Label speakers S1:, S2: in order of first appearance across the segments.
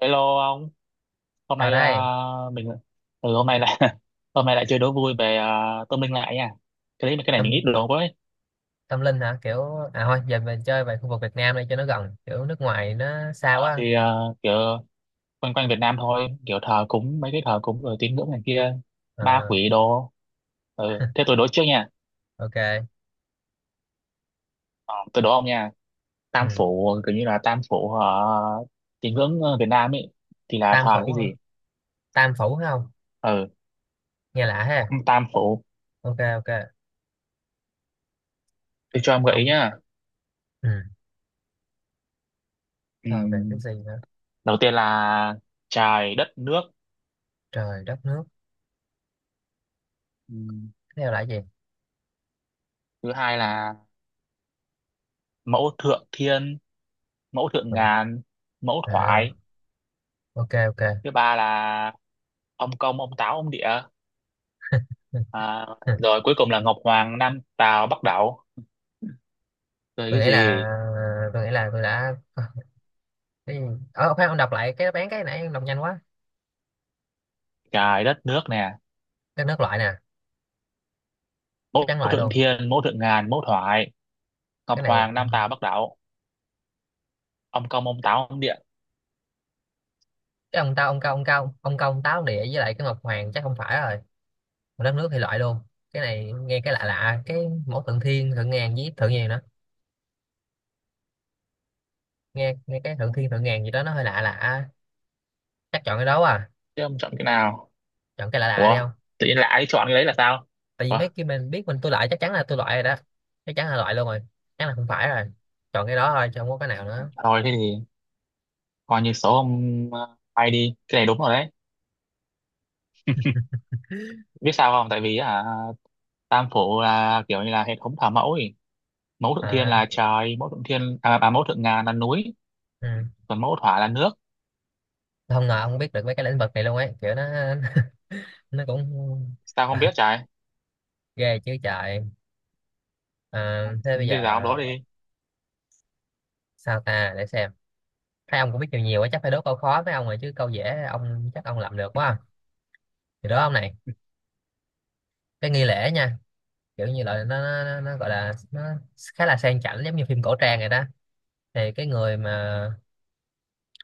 S1: Hello ông, hôm
S2: Sao
S1: nay à,
S2: đây?
S1: mình hôm nay lại hôm nay lại chơi đố vui về tâm linh lại nha. Cái đấy cái này mình ít
S2: Tâm
S1: đồ với.
S2: tâm linh hả? À thôi giờ mình chơi về khu vực Việt Nam đi cho nó gần, kiểu nước ngoài nó xa
S1: Ờ,
S2: quá.
S1: thì à, kiểu quanh quanh Việt Nam thôi, kiểu thờ cúng mấy cái thờ cúng rồi tín ngưỡng này kia, ma
S2: À,
S1: quỷ đồ. Ừ, thế tôi đố trước nha.
S2: ok.
S1: Ờ, tôi đố ông nha. Tam
S2: Ừ.
S1: phủ, kiểu như là tam phủ uh, tín ngưỡng, Việt Nam ấy thì là
S2: Tam
S1: thờ
S2: phủ
S1: cái
S2: hả?
S1: gì?
S2: Tam phủ phải không?
S1: Ừ,
S2: Nghe lạ ha.
S1: tam phủ.
S2: Ok ok.
S1: Tôi cho em gợi ý
S2: Ông
S1: nhá.
S2: ừ. Thờ về cái
S1: Ừm,
S2: gì hả?
S1: đầu tiên là trời đất nước.
S2: Trời đất nước.
S1: Ừm,
S2: Tiếp theo là cái gì?
S1: thứ hai là mẫu thượng thiên, mẫu thượng
S2: Ừ.
S1: ngàn, mẫu
S2: À,
S1: thoại.
S2: ok ok.
S1: Thứ ba là ông công ông táo ông địa,
S2: Ừ.
S1: à,
S2: Ừ.
S1: rồi cuối cùng là ngọc hoàng nam tào bắc đẩu, rồi
S2: Tôi
S1: cái
S2: nghĩ là
S1: gì.
S2: tôi nghĩ là tôi đã cái gì? Khoan ông đọc lại cái đáp án cái nãy ông đọc nhanh quá.
S1: Trời đất nước nè,
S2: Đất nước loại nè, chắc
S1: mẫu
S2: chắn loại
S1: thượng
S2: luôn.
S1: thiên, mẫu thượng ngàn, mẫu thoại, ngọc
S2: Cái này
S1: hoàng nam tào bắc đẩu, ông công ông táo ông địa.
S2: cái ông tao ông cao ông cao ông công táo địa với lại cái ngọc hoàng chắc không phải rồi, một đất nước thì loại luôn. Cái này nghe cái lạ lạ cái mẫu thượng thiên thượng ngàn với thượng nhàn đó, nghe nghe cái thượng thiên thượng ngàn gì đó nó hơi lạ lạ, chắc chọn cái đó à,
S1: Thế ông chọn cái nào?
S2: chọn cái lạ lạ đi
S1: Ủa,
S2: không.
S1: tự nhiên lại ai chọn cái đấy là sao.
S2: Tại vì
S1: Ủa,
S2: mấy cái mình biết tôi loại chắc chắn là tôi loại rồi đó, chắc chắn là loại luôn rồi, chắc là không phải rồi, chọn cái đó thôi chứ không có cái nào nữa.
S1: thôi thế thì coi như số ông bay đi, cái này đúng rồi đấy. Biết sao không, tại vì tam phủ là kiểu như là hệ thống thờ mẫu ấy. Mẫu thượng thiên
S2: À,
S1: là trời, mẫu thượng thiên mẫu thượng ngàn là núi,
S2: ừ.
S1: còn mẫu thỏa là nước.
S2: Không ngờ ông biết được mấy cái lĩnh vực này luôn ấy, kiểu nó nó cũng
S1: Sao không
S2: à,
S1: biết trời,
S2: ghê chứ trời. À, thế bây
S1: đi
S2: giờ
S1: dạo đó đi.
S2: sao ta để xem, thấy ông cũng biết nhiều nhiều quá chắc phải đố câu khó với ông rồi chứ câu dễ ông chắc ông làm được quá à. Thì đó ông này, cái nghi lễ nha, kiểu như là nó gọi là nó khá là sang chảnh giống như phim cổ trang này đó, thì cái người mà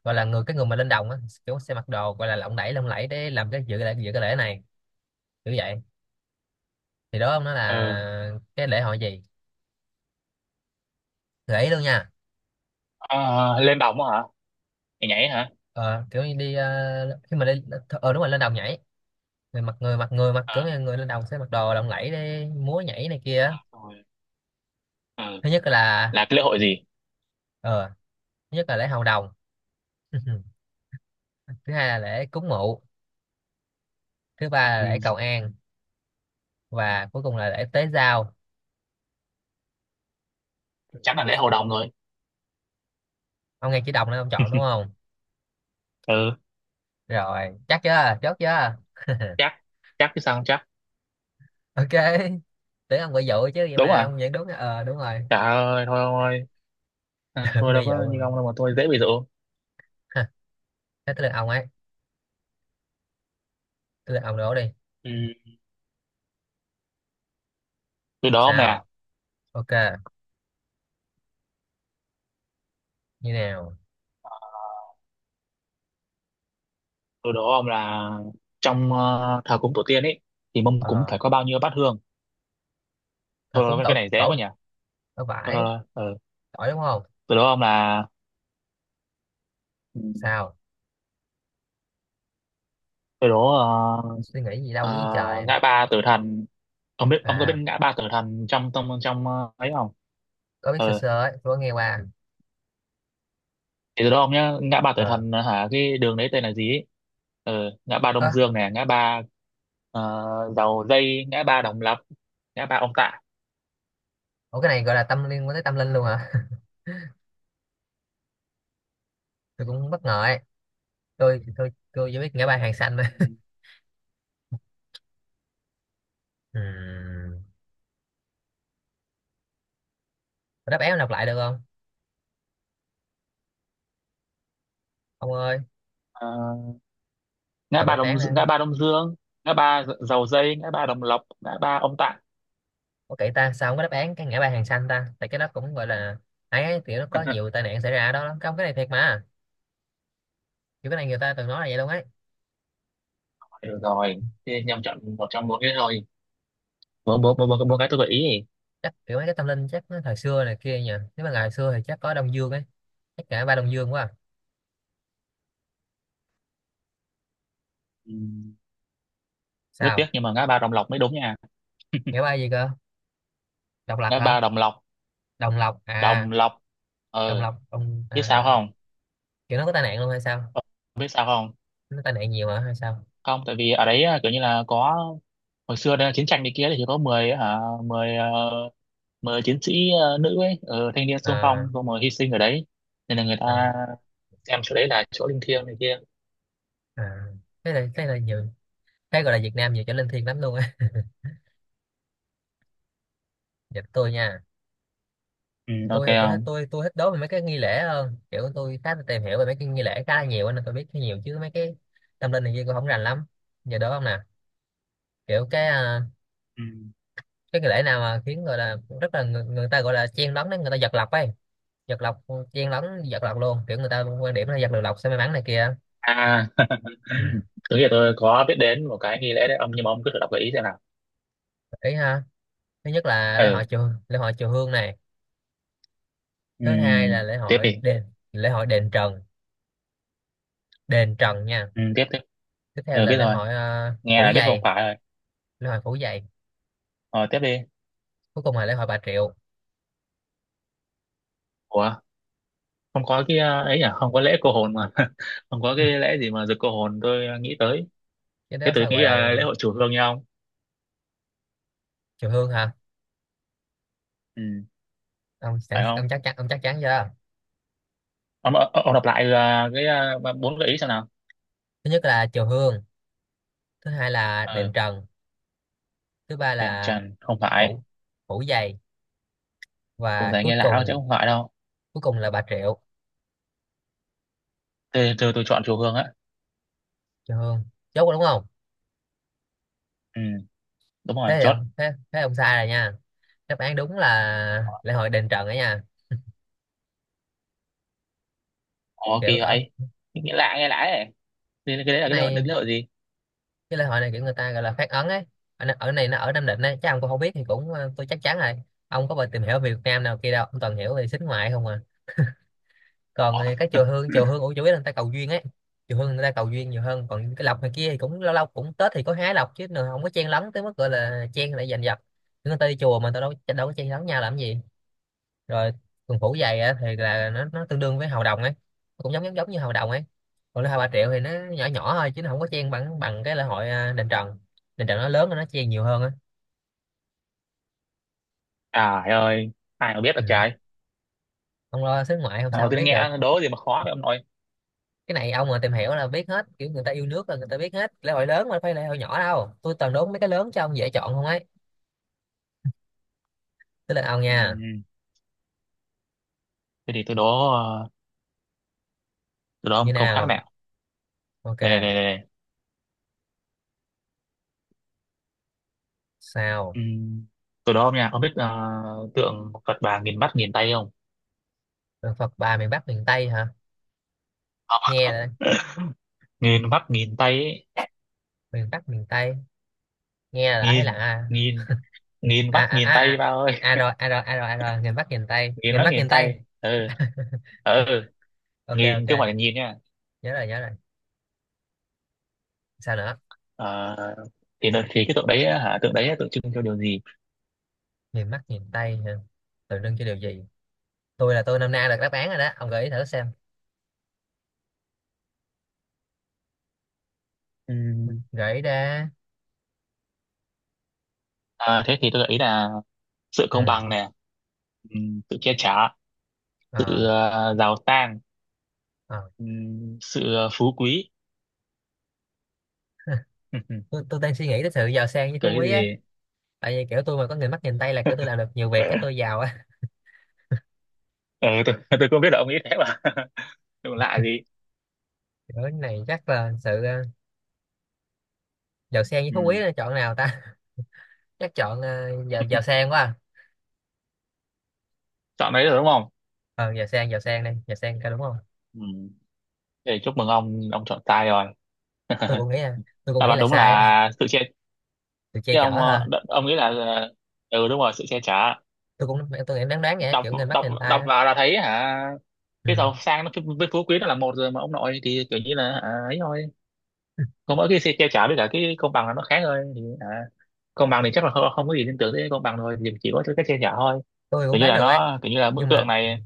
S2: gọi là cái người mà lên đồng á, kiểu sẽ mặc đồ gọi là lộng lẫy để làm cái dự lễ dự cái lễ này, kiểu vậy. Thì đó ông nói
S1: ờ
S2: là cái lễ hội gì, gợi luôn nha.
S1: Ờ, lên đồng hả, nhảy nhảy hả?
S2: Ờ, Kiểu như đi khi mà đi, đúng rồi lên đồng nhảy, người mặc kiểu
S1: ờ
S2: như người lên đồng sẽ mặc đồ lộng lẫy để múa nhảy này kia á.
S1: Rồi. ờ
S2: Thứ nhất là
S1: là cái lễ hội gì?
S2: ờ thứ nhất là lễ hầu đồng. Thứ hai là lễ cúng mụ, thứ ba là lễ
S1: Ừ.
S2: cầu an, và cuối cùng là để tế giao.
S1: Chắc là lễ hội đồng rồi.
S2: Ông nghe chữ đồng nên ông chọn đúng không?
S1: Ừ,
S2: Rồi chắc chưa, chốt chưa?
S1: chắc. Chắc chứ sao không chắc.
S2: Ok. Tưởng ông bị dụ chứ vậy
S1: Đúng
S2: mà
S1: à?
S2: ông vẫn đúng, đúng rồi.
S1: Trời ơi, thôi thôi. À,
S2: Tưởng
S1: tôi đâu
S2: bị dụ.
S1: có như
S2: Rồi.
S1: ông đâu mà tôi dễ bị dụ.
S2: Ha, thế tới lượt ông ấy, tới lượt ông đổ đi.
S1: Ừ. Tôi đố ông nè.
S2: Sao? Ok. Như nào?
S1: Tôi đố ông là trong thờ cúng tổ tiên ấy thì mâm cúng
S2: ờ
S1: phải có bao nhiêu bát hương.
S2: thờ
S1: Thôi
S2: cúng
S1: thôi, cái
S2: tổ
S1: này dễ quá
S2: tổ
S1: nhỉ.
S2: tổ
S1: Thôi
S2: vải,
S1: thôi thôi. Ừ.
S2: tỏi đúng không?
S1: Tôi đố ông là. Ừ.
S2: Sao?
S1: Cái đó
S2: Suy nghĩ gì
S1: ờ,
S2: đâu dưới trời.
S1: ngã ba Tử Thần. Ông biết, ông có biết
S2: À,
S1: ngã ba Tử Thần trong trong trong ấy không?
S2: có biết sơ
S1: Ờ,
S2: sơ ấy, tôi có nghe qua.
S1: thì từ đó ông nhá, ngã ba Tử
S2: Ờ.
S1: Thần hả, cái đường đấy tên là gì ấy? Ờ, ngã ba Đông
S2: Ơ,
S1: Dương này, ngã ba Dầu Dây, ngã ba Đồng Lập, ngã ba Ông Tạ.
S2: ủa cái này gọi là tâm liên quan tới tâm linh luôn hả? Tôi cũng bất ngờ ấy, tôi chỉ biết ngã ba hàng xanh thôi.
S1: Ừ.
S2: Ừm, đáp án đọc lại được không ông ơi?
S1: Ờ, ngã
S2: Đọc
S1: ba
S2: đáp án ra.
S1: Ngã ba Đông Dương, ngã ba Dầu Dây, ngã ba Đồng Lập, ngã ba Ông Tạ.
S2: Có kỹ ta, sao không có đáp án cái ngã ba hàng xanh ta, tại cái đó cũng gọi là ấy, kiểu nó có nhiều tai nạn xảy ra ở đó lắm không, cái này thiệt mà, kiểu cái này người ta từng nói là vậy luôn ấy.
S1: Được rồi thì nhầm, chọn một trong bốn cái thôi. Bốn bốn bốn bốn Bốn cái tôi gợi ý.
S2: Chắc kiểu mấy cái tâm linh chắc nó thời xưa này kia nhỉ, nếu mà ngày xưa thì chắc có Đông Dương ấy, chắc ngã ba Đông Dương quá à.
S1: Ừ. Rất tiếc
S2: Sao?
S1: nhưng mà ngã ba Đồng Lộc mới đúng nha.
S2: Ngã ba gì cơ? Độc Lập
S1: Ngã
S2: hả?
S1: ba Đồng Lộc.
S2: Đồng Lộc à?
S1: Đồng Lộc,
S2: Đồng
S1: ờ
S2: Lộc Đồng
S1: biết
S2: à,
S1: sao không.
S2: kiểu nó có tai nạn luôn hay sao,
S1: Ờ, biết sao không,
S2: nó tai nạn nhiều hả hay sao?
S1: không, tại vì ở đấy à, kiểu như là có, hồi xưa đây là chiến tranh đi kia thì chỉ có 10 hả 10 ờ, 10 chiến sĩ, nữ ấy, thanh niên xung
S2: À,
S1: phong xong rồi hy sinh ở đấy. Nên là người
S2: à,
S1: ta xem chỗ đấy là chỗ linh thiêng này kia.
S2: à, cái này nhiều, cái gọi là Việt Nam nhiều chỗ linh thiêng lắm luôn á. Dịch tôi nha.
S1: Ừ, ok
S2: Tôi thì tôi hết
S1: không.
S2: tôi thích đố về mấy cái nghi lễ hơn, kiểu tôi khá là tìm hiểu về mấy cái nghi lễ khá là nhiều á, nên tôi biết khá nhiều chứ mấy cái tâm linh này kia tôi không rành lắm. Giờ đố không nè, kiểu cái
S1: Ừ.
S2: cái nghi lễ nào mà khiến gọi là rất là người ta gọi là chen lấn đấy, người ta giật lộc ấy, giật lộc, chen lấn giật lộc luôn, kiểu người ta quan điểm là giật được lộc sẽ may mắn này kia.
S1: À.
S2: Ừ.
S1: Tôi nghĩ là tôi có biết đến một cái nghi lễ đấy ông, nhưng mà ông cứ thử đọc gợi ý xem nào.
S2: Ý ha, thứ nhất là
S1: Ừ,
S2: lễ hội chùa Hương này,
S1: ừ.
S2: thứ hai là
S1: Tiếp đi.
S2: lễ hội đền Trần, đền Trần nha.
S1: Ừ, tiếp tiếp.
S2: Tiếp theo
S1: Ừ,
S2: là
S1: biết
S2: lễ
S1: rồi.
S2: hội
S1: Nghe
S2: phủ
S1: là biết không
S2: giày,
S1: phải rồi.
S2: lễ hội phủ giày.
S1: Ờ, tiếp đi.
S2: Cuối cùng là lễ hội Bà Triệu.
S1: Ủa, không có cái ấy à, không có lễ cô hồn mà. Không có
S2: Ừ,
S1: cái lễ gì mà giật cô hồn tôi nghĩ tới.
S2: cái
S1: Thế
S2: đó
S1: tôi
S2: sao
S1: nghĩ
S2: gọi là
S1: là lễ hội chùa Hương nhau không.
S2: chiều hương hả?
S1: Ừ,
S2: Ông sẵn
S1: phải
S2: ông
S1: không?
S2: chắc chắn chưa?
S1: Ông đọc lại cái bốn gợi ý xem nào.
S2: Thứ nhất là chiều hương, thứ hai là đền
S1: Ừ.
S2: trần, thứ ba
S1: Đèn
S2: là
S1: trần không phải.
S2: phủ phủ dày,
S1: Cổ
S2: và
S1: tay nghe lão chứ không phải đâu.
S2: cuối cùng là bà triệu.
S1: Tôi chọn chùa Hương á.
S2: Chiều hương, chốt rồi đúng không?
S1: Ừ, đúng rồi,
S2: Thế thì
S1: chốt.
S2: thế ông sai rồi nha, đáp án đúng là lễ hội đền trần ấy nha.
S1: Ủa,
S2: Kiểu
S1: kỳ
S2: cỡ,
S1: vậy. Nghe lạ, nghe lạ ấy. Thế cái đấy là
S2: cái này
S1: lễ hội gì?
S2: cái lễ hội này kiểu người ta gọi là phát ấn ấy, ở này nó ở Nam Định ấy, chắc ông cũng không biết thì cũng tôi chắc chắn rồi. Ông có bao tìm hiểu về Việt Nam nào kia đâu, ông toàn hiểu về xính ngoại không à. Còn thì cái chùa Hương, ủa chủ yếu là người ta cầu duyên ấy, chùa Hương người ta cầu duyên nhiều hơn, còn cái lộc này kia thì cũng lâu lâu cũng Tết thì có hái lộc chứ nữa, không có chen lấn tới mức gọi là chen lại giành giật, người ta đi chùa mà tao đâu đâu có chen lấn nhau làm gì. Rồi, quần phủ giày á, thì là nó tương đương với hầu đồng ấy, nó cũng giống giống giống như hầu đồng ấy. Còn lễ hội bà triệu thì nó nhỏ nhỏ thôi chứ nó không có chen bằng bằng cái lễ hội đền trần, đền trần nó lớn nên nó chen nhiều hơn á.
S1: Trời ơi, ai mà biết được
S2: Ừ.
S1: trời.
S2: Ông lo xứ ngoại không sao
S1: Nào
S2: không
S1: tôi
S2: biết được.
S1: nghe đố gì mà khó vậy ông nội.
S2: Cái này ông mà tìm hiểu là biết hết, kiểu người ta yêu nước là người ta biết hết lễ hội lớn mà phải lễ hội nhỏ đâu, tôi toàn đố mấy cái lớn cho ông dễ chọn không ấy. Tới lượt ông
S1: Ừ.
S2: nha.
S1: Thế thì tôi đố từ đó
S2: Như
S1: ông câu khác
S2: nào?
S1: nào.
S2: Ok.
S1: Này.
S2: Sao?
S1: Ừm, Từ đó ông nha, ông biết tượng Phật bà nghìn mắt nghìn tay không?
S2: Rồi Phật bà miền Bắc miền Tây hả? Nghe
S1: Không
S2: đây.
S1: ạ. Nghìn mắt nghìn tay ấy.
S2: Miền Bắc miền Tây, nghe là đã thấy là
S1: Nghìn
S2: a
S1: nghìn Nghìn
S2: a
S1: mắt
S2: a
S1: nghìn
S2: a
S1: tay
S2: a.
S1: ba ơi.
S2: À rồi a rồi a rồi à rồi, miền Bắc miền Tây,
S1: Nghìn
S2: miền
S1: mắt
S2: Bắc
S1: nghìn
S2: miền Tây.
S1: tay. Ừ. Ừ,
S2: Ok
S1: nghìn
S2: ok.
S1: chứ không phải là nhìn nha.
S2: Nhớ rồi nhớ rồi. Sao nữa?
S1: Ờ, thì nó- thì cái tượng đấy á, hả, tượng đấy á, tượng trưng cho điều gì?
S2: Miền Bắc miền Tây hả? Tượng trưng cho điều gì? Tôi là tôi năm nay được đáp án rồi đó, ông gợi ý thử xem,
S1: Ừm,
S2: gợi ý ra.
S1: à, thế thì tôi gợi ý là sự công
S2: Ừ,
S1: bằng nè, sự che chở,
S2: ờ
S1: sự giàu sang,
S2: ờ.
S1: sự phú quý.
S2: tôi, tôi đang suy nghĩ tới sự giàu sang với phú
S1: Cái
S2: quý ấy,
S1: gì?
S2: tại vì kiểu tôi mà có người mắt nhìn tay là kiểu tôi làm được nhiều việc
S1: Ờ,
S2: cái tôi giàu á.
S1: ừ, tôi không biết là ông nghĩ thế mà. Đừng lạ gì.
S2: Kiểu cái này chắc là sự giàu sang với phú quý,
S1: Ừ.
S2: là chọn nào ta? Chắc chọn giàu giàu sang quá à.
S1: Chọn đấy rồi đúng không?
S2: Ờ giàu sang, giàu sang đây, giàu sang cái đúng không?
S1: Ừ. Để chúc mừng ông chọn sai rồi.
S2: tôi cũng nghĩ là tôi cũng
S1: Đáp
S2: nghĩ
S1: án
S2: là
S1: đúng
S2: sai á.
S1: là sự che.
S2: Từ che
S1: Chứ
S2: chở
S1: ông
S2: hả?
S1: ông nghĩ là ờ, ừ đúng rồi, sự che chở.
S2: Tôi nghĩ đoán đoán vậy á,
S1: Đọc
S2: kiểu người mắt
S1: đọc
S2: nhìn tay
S1: đọc
S2: á.
S1: vào là thấy hả. Cái
S2: Ừ.
S1: giàu sang nó với phú quý nó là một rồi mà ông nội, thì kiểu như là hả, ấy thôi. Còn mỗi cái sự che chở với cả cái công bằng là nó khác thôi, thì hả, công bằng thì chắc là không, không có gì liên tưởng tới công bằng, thôi thì chỉ có cái che chở thôi.
S2: Tôi cũng
S1: Kiểu như
S2: đoán
S1: là
S2: được ấy,
S1: nó kiểu như là bức
S2: nhưng
S1: tượng
S2: mà ừ,
S1: này.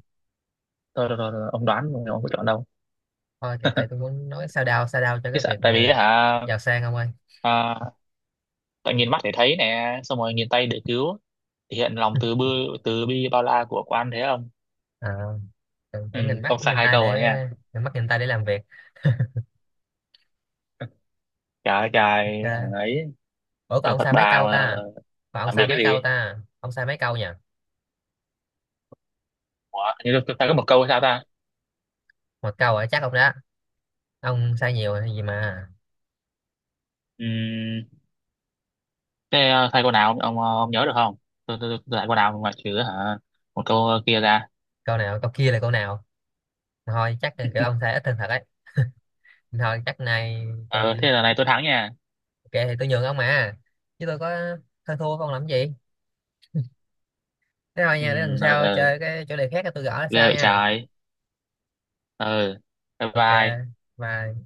S1: Thôi rồi, rồi, rồi, ông đoán rồi, ông có chọn đâu.
S2: thôi kiểu tại tôi muốn nói sao đao cho
S1: Cái
S2: cái
S1: sợ,
S2: việc
S1: tại vì
S2: mà
S1: hả,
S2: giàu sang không ơi.
S1: à, tại nhìn mắt để thấy nè, xong rồi nhìn tay để cứu. Thể hiện lòng từ bi bao la của quan thế ông.
S2: À, tưởng
S1: Ừ,
S2: tưởng nhìn mắt
S1: ông sai
S2: nhìn
S1: hai
S2: tay
S1: câu rồi
S2: để
S1: nha.
S2: nhìn mắt nhìn tay để làm việc.
S1: Trời ơi, trời,
S2: Ok.
S1: hả ấy,
S2: Ủa còn
S1: trường
S2: ông
S1: Phật
S2: sai mấy
S1: bà
S2: câu
S1: mà
S2: ta? Còn ông
S1: làm việc
S2: sai
S1: cái
S2: mấy câu
S1: gì?
S2: ta? Ông sai mấy câu nha?
S1: Ủa, hình như tôi sai có một câu hay sao ta?
S2: Một câu ở chắc ông đó. Ông sai nhiều hay gì mà.
S1: Ừ, thế sai câu nào ông nhớ được không? Tôi sai câu nào ngoại trừ hả, một câu kia ra.
S2: Câu nào, câu kia là câu nào? Thôi chắc là kiểu ông sai ít hơn thật ấy. Thôi chắc nay
S1: Ờ,
S2: tôi
S1: thế là này tôi thắng nha.
S2: ok thì tôi nhường ông mà. Chứ tôi có hơn thua không làm gì. Thế thôi
S1: Ừ,
S2: nha, để lần
S1: ờ,
S2: sau
S1: ờ,
S2: chơi cái chủ đề khác tôi gõ là
S1: ghê
S2: sao
S1: vậy
S2: nha.
S1: trời. Ờ, bye
S2: Ok.
S1: bye.
S2: Bye.